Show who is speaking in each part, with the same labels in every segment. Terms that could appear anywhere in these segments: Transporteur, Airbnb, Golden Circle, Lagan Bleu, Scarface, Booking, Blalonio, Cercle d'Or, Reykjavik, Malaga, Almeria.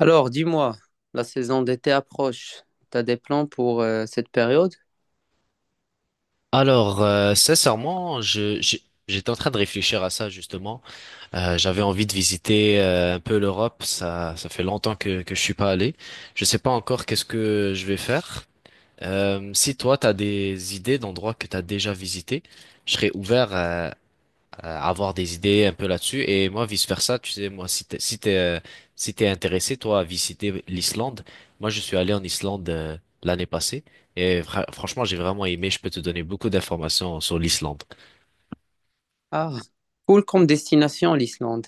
Speaker 1: Alors, dis-moi, la saison d'été approche. T'as des plans pour cette période?
Speaker 2: Alors, sincèrement, je, j'étais en train de réfléchir à ça justement. J'avais envie de visiter un peu l'Europe. Ça fait longtemps que je suis pas allé. Je sais pas encore qu'est-ce que je vais faire. Si toi, t'as des idées d'endroits que t'as déjà visités, je serais ouvert avoir des idées un peu là-dessus. Et moi, vice-versa, tu sais, moi, si t'es intéressé, toi, à visiter l'Islande, moi, je suis allé en Islande l'année passée et franchement, j'ai vraiment aimé. Je peux te donner beaucoup d'informations sur l'Islande.
Speaker 1: Ah, cool comme destination l'Islande.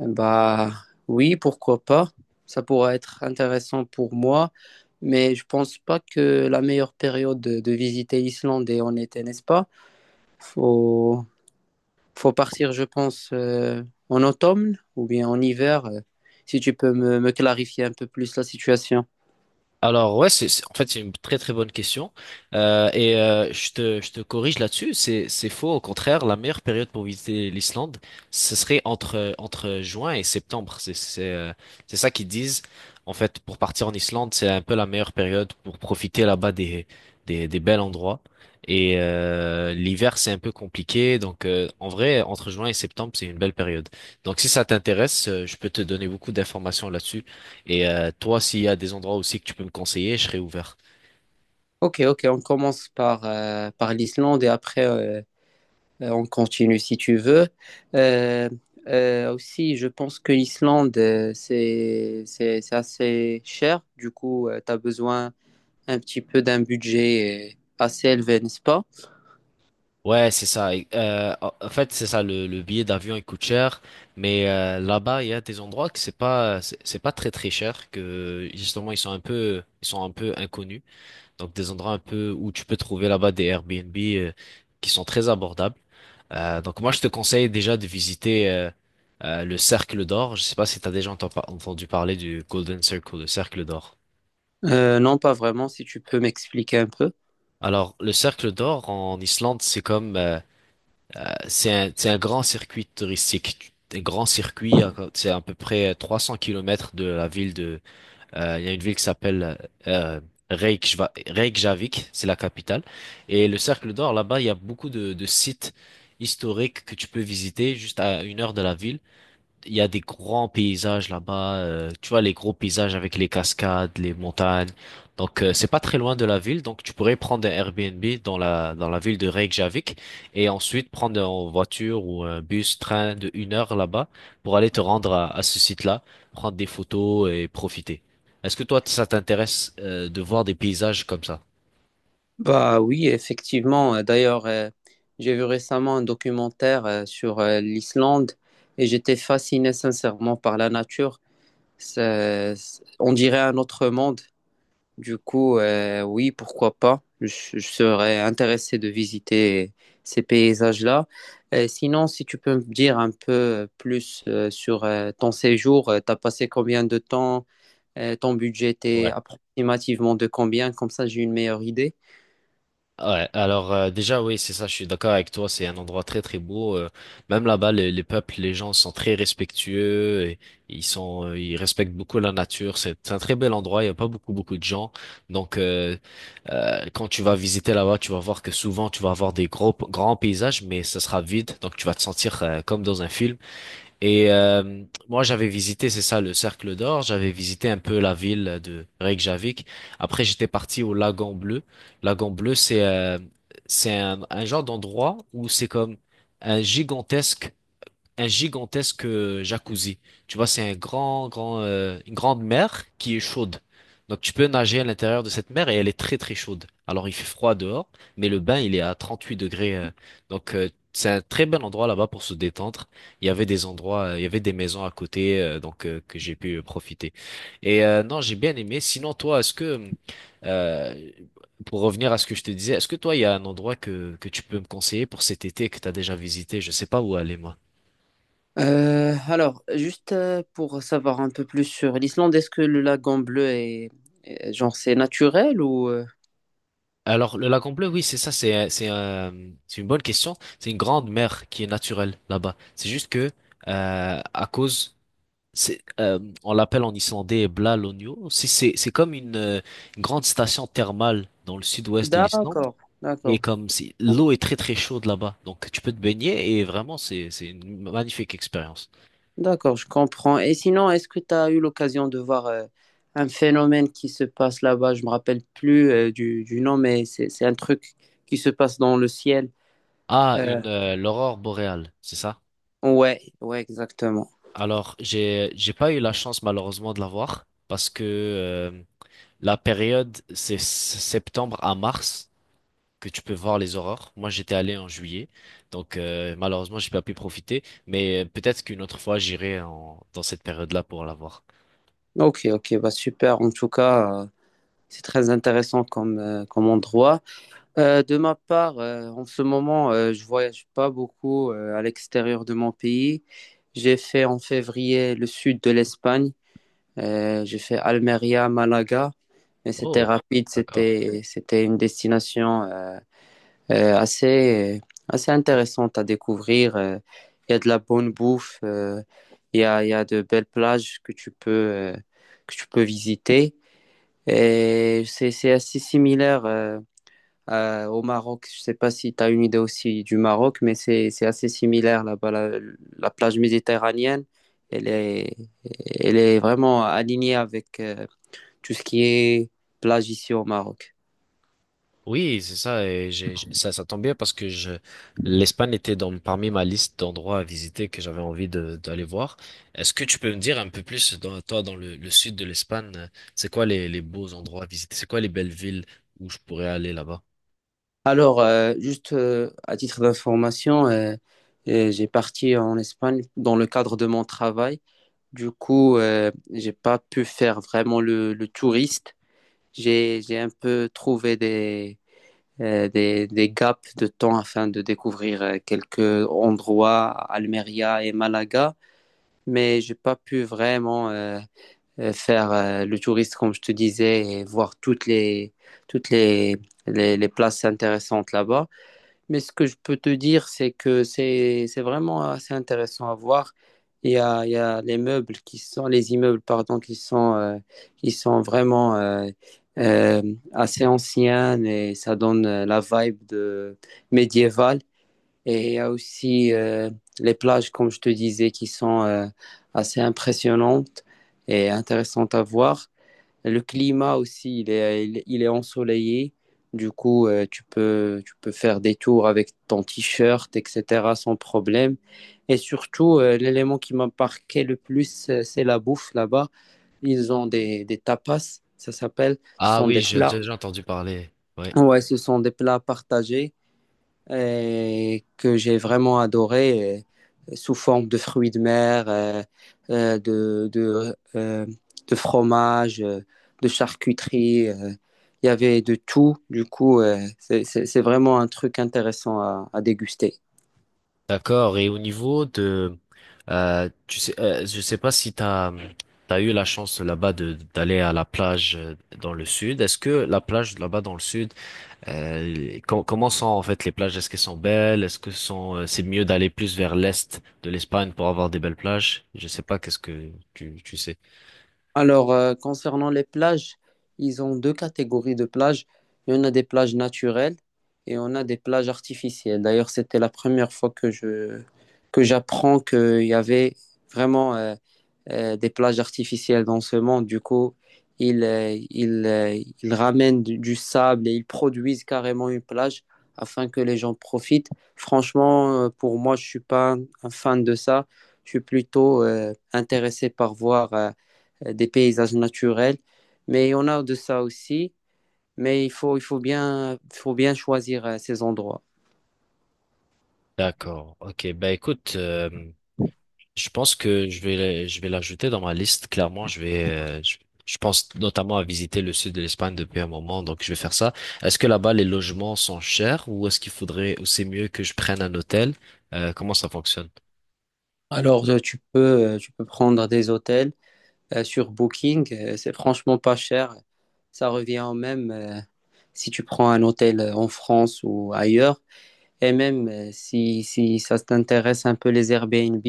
Speaker 1: Eh bah oui, pourquoi pas. Ça pourrait être intéressant pour moi, mais je pense pas que la meilleure période de visiter l'Islande est en été, n'est-ce pas? Faut, faut partir, je pense, en automne ou bien en hiver, si tu peux me clarifier un peu plus la situation.
Speaker 2: Alors ouais, en fait c'est une très très bonne question. Je te corrige là-dessus, c'est faux au contraire, la meilleure période pour visiter l'Islande, ce serait entre juin et septembre, c'est ça qu'ils disent en fait. Pour partir en Islande, c'est un peu la meilleure période pour profiter là-bas des bels endroits, et l'hiver c'est un peu compliqué, donc en vrai entre juin et septembre c'est une belle période. Donc si ça t'intéresse, je peux te donner beaucoup d'informations là-dessus. Et toi, s'il y a des endroits aussi que tu peux me conseiller, je serai ouvert.
Speaker 1: Ok, ok, on commence par, par l'Islande et après. On continue si tu veux. Euh, aussi, je pense que l'Islande, c'est assez cher. Du coup, tu as besoin un petit peu d'un budget assez élevé, n'est-ce pas?
Speaker 2: Ouais, c'est ça. Et, en fait, c'est ça, le billet d'avion il coûte cher, mais là-bas, il y a des endroits que c'est pas très très cher, que justement ils sont un peu inconnus. Donc des endroits un peu où tu peux trouver là-bas des Airbnb qui sont très abordables. Donc moi, je te conseille déjà de visiter le Cercle d'Or. Je sais pas si tu as déjà entendu parler du Golden Circle, le Cercle d'Or.
Speaker 1: Non, pas vraiment, si tu peux m'expliquer un peu.
Speaker 2: Alors, le Cercle d'Or en Islande, c'est comme c'est un grand circuit touristique. Un grand circuit, hein, c'est à peu près 300 kilomètres de la ville de... il y a une ville qui s'appelle euh, Reykjavik, c'est la capitale. Et le Cercle d'Or, là-bas, il y a beaucoup de sites historiques que tu peux visiter juste à une heure de la ville. Il y a des grands paysages là-bas, tu vois les gros paysages avec les cascades, les montagnes. Donc c'est pas très loin de la ville, donc tu pourrais prendre un Airbnb dans la ville de Reykjavik et ensuite prendre en voiture ou un bus, train de une heure là-bas pour aller te rendre à ce site-là, prendre des photos et profiter. Est-ce que toi ça t'intéresse de voir des paysages comme ça?
Speaker 1: Bah oui, effectivement. D'ailleurs, j'ai vu récemment un documentaire sur l'Islande et j'étais fasciné sincèrement par la nature. Ça- on dirait un autre monde. Du coup, oui, pourquoi pas. Je serais intéressé de visiter ces paysages-là. Sinon, si tu peux me dire un peu plus sur ton séjour, tu as passé combien de temps, ton budget était
Speaker 2: Ouais.
Speaker 1: approximativement de combien, comme ça j'ai une meilleure idée.
Speaker 2: Ouais, alors déjà oui, c'est ça, je suis d'accord avec toi, c'est un endroit très très beau. Même là-bas, les peuples, les gens sont très respectueux, et ils sont, ils respectent beaucoup la nature. C'est un très bel endroit, il y a pas beaucoup beaucoup de gens. Donc quand tu vas visiter là-bas, tu vas voir que souvent tu vas avoir des gros grands paysages, mais ça sera vide, donc tu vas te sentir comme dans un film. Et moi, j'avais visité, c'est ça, le Cercle d'Or. J'avais visité un peu la ville de Reykjavik. Après, j'étais parti au Lagan Bleu. Lagan Bleu, c'est un genre d'endroit où c'est comme un gigantesque jacuzzi. Tu vois, c'est un grand, grand, une grande mer qui est chaude. Donc tu peux nager à l'intérieur de cette mer et elle est très très chaude. Alors il fait froid dehors, mais le bain il est à 38 degrés. Donc c'est un très bel endroit là-bas pour se détendre. Il y avait des endroits, il y avait des maisons à côté, que j'ai pu profiter. Et non, j'ai bien aimé. Sinon toi, est-ce que euh, pour revenir à ce que je te disais, est-ce que toi il y a un endroit que tu peux me conseiller pour cet été que t'as déjà visité? Je sais pas où aller moi.
Speaker 1: Alors, juste pour savoir un peu plus sur l'Islande, est-ce que le lagon bleu est, genre, c'est naturel ou...
Speaker 2: Alors, le lac en bleu, oui, c'est ça, c'est une bonne question. C'est une grande mer qui est naturelle là-bas. C'est juste que, euh, à cause, c'est, euh, on l'appelle en islandais Blalonio. C'est comme une grande station thermale dans le sud-ouest de l'Islande.
Speaker 1: D'accord,
Speaker 2: Et
Speaker 1: d'accord.
Speaker 2: comme si l'eau est très très chaude là-bas, donc tu peux te baigner et vraiment c'est une magnifique expérience.
Speaker 1: D'accord, je comprends. Et sinon, est-ce que tu as eu l'occasion de voir un phénomène qui se passe là-bas? Je me rappelle plus du nom, mais c'est un truc qui se passe dans le ciel.
Speaker 2: Ah,
Speaker 1: Euh,
Speaker 2: une l'aurore boréale, c'est ça?
Speaker 1: ouais, ouais, exactement.
Speaker 2: Alors j'ai pas eu la chance malheureusement de la voir parce que la période, c'est septembre à mars que tu peux voir les aurores. Moi, j'étais allé en juillet, donc malheureusement, j'ai pas pu profiter. Mais peut-être qu'une autre fois, j'irai dans cette période-là pour la voir.
Speaker 1: Ok, ok, bah super. En tout cas, c'est très intéressant comme comme endroit. De ma part, en ce moment, je voyage pas beaucoup à l'extérieur de mon pays. J'ai fait en février le sud de l'Espagne. J'ai fait Almeria, Malaga, mais c'était
Speaker 2: Oh,
Speaker 1: rapide,
Speaker 2: d'accord.
Speaker 1: c'était une destination assez assez intéressante à découvrir. Il y a de la bonne bouffe, il y a de belles plages que tu peux visiter et c'est assez similaire au Maroc. Je sais pas si tu as une idée aussi du Maroc, mais c'est assez similaire là-bas la plage méditerranéenne. Elle est, elle est vraiment alignée avec, tout ce qui est plage ici au Maroc.
Speaker 2: Oui, c'est ça. Et ça, ça tombe bien parce que je, l'Espagne était dans, parmi ma liste d'endroits à visiter que j'avais envie de, d'aller voir. Est-ce que tu peux me dire un peu plus, dans, toi, dans le sud de l'Espagne, c'est quoi les beaux endroits à visiter? C'est quoi les belles villes où je pourrais aller là-bas?
Speaker 1: Alors, juste à titre d'information, j'ai parti en Espagne dans le cadre de mon travail. Du coup, j'ai pas pu faire vraiment le touriste. J'ai un peu trouvé des gaps de temps afin de découvrir quelques endroits, Almeria et Malaga, mais j'ai pas pu vraiment faire le touriste, comme je te disais, et voir toutes les, les places intéressantes là-bas. Mais ce que je peux te dire, c'est que c'est vraiment assez intéressant à voir. Il y a les immeubles, pardon, qui sont vraiment euh, assez anciens et ça donne la vibe de médiévale. Et il y a aussi les plages, comme je te disais, qui sont assez impressionnantes et intéressantes à voir. Le climat aussi, il est ensoleillé. Du coup, tu peux faire des tours avec ton t-shirt, etc., sans problème. Et surtout, l'élément qui m'a marqué le plus, c'est la bouffe là-bas. Ils ont des tapas, ça s'appelle. Ce
Speaker 2: Ah
Speaker 1: sont
Speaker 2: oui,
Speaker 1: des
Speaker 2: j'ai
Speaker 1: plats.
Speaker 2: déjà entendu parler. Oui.
Speaker 1: Ouais, ce sont des plats partagés et que j'ai vraiment adoré sous forme de fruits de mer, euh, de, de, euh, de fromage, de charcuterie. Il y avait de tout. Du coup, c'est vraiment un truc intéressant à déguster.
Speaker 2: D'accord. Et au niveau de, tu sais, je sais pas si t'as eu la chance là-bas de d'aller à la plage dans le sud. Est-ce que la plage là-bas dans le sud, comment sont en fait les plages? Est-ce qu'elles sont belles? Est-ce que sont, c'est mieux d'aller plus vers l'est de l'Espagne pour avoir des belles plages? Je sais pas. Qu'est-ce que tu sais?
Speaker 1: Alors, concernant les plages, ils ont deux catégories de plages. Il y en a des plages naturelles et on a des plages artificielles. D'ailleurs, c'était la première fois que j'apprends qu'il y avait vraiment des plages artificielles dans ce monde. Du coup, ils, euh, ils, euh, ils ramènent du sable et ils produisent carrément une plage afin que les gens profitent. Franchement, pour moi, je suis pas un fan de ça. Je suis plutôt intéressé par voir. Des paysages naturels. Mais on a de ça aussi, mais il faut bien choisir ces endroits.
Speaker 2: D'accord. Ok. Bah écoute. Je pense que je vais l'ajouter dans ma liste. Clairement, je pense notamment à visiter le sud de l'Espagne depuis un moment, donc je vais faire ça. Est-ce que là-bas les logements sont chers ou est-ce qu'il faudrait, ou c'est mieux que je prenne un hôtel? Comment ça fonctionne?
Speaker 1: Alors, tu peux prendre des hôtels sur Booking, c'est franchement pas cher. Ça revient au même si tu prends un hôtel en France ou ailleurs. Et même si ça t'intéresse un peu les Airbnb,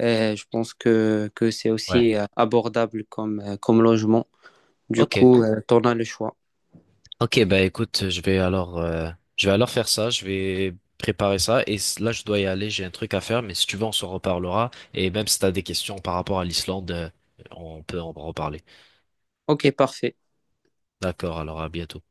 Speaker 1: je pense que c'est
Speaker 2: Ouais.
Speaker 1: aussi abordable comme comme logement. Du
Speaker 2: Ok,
Speaker 1: coup, tu en as le choix.
Speaker 2: ok, bah écoute, je vais alors faire ça, je vais préparer ça et là je dois y aller, j'ai un truc à faire, mais si tu veux on s'en reparlera et même si t'as des questions par rapport à l'Islande, on peut en reparler.
Speaker 1: Ok, parfait.
Speaker 2: D'accord, alors à bientôt.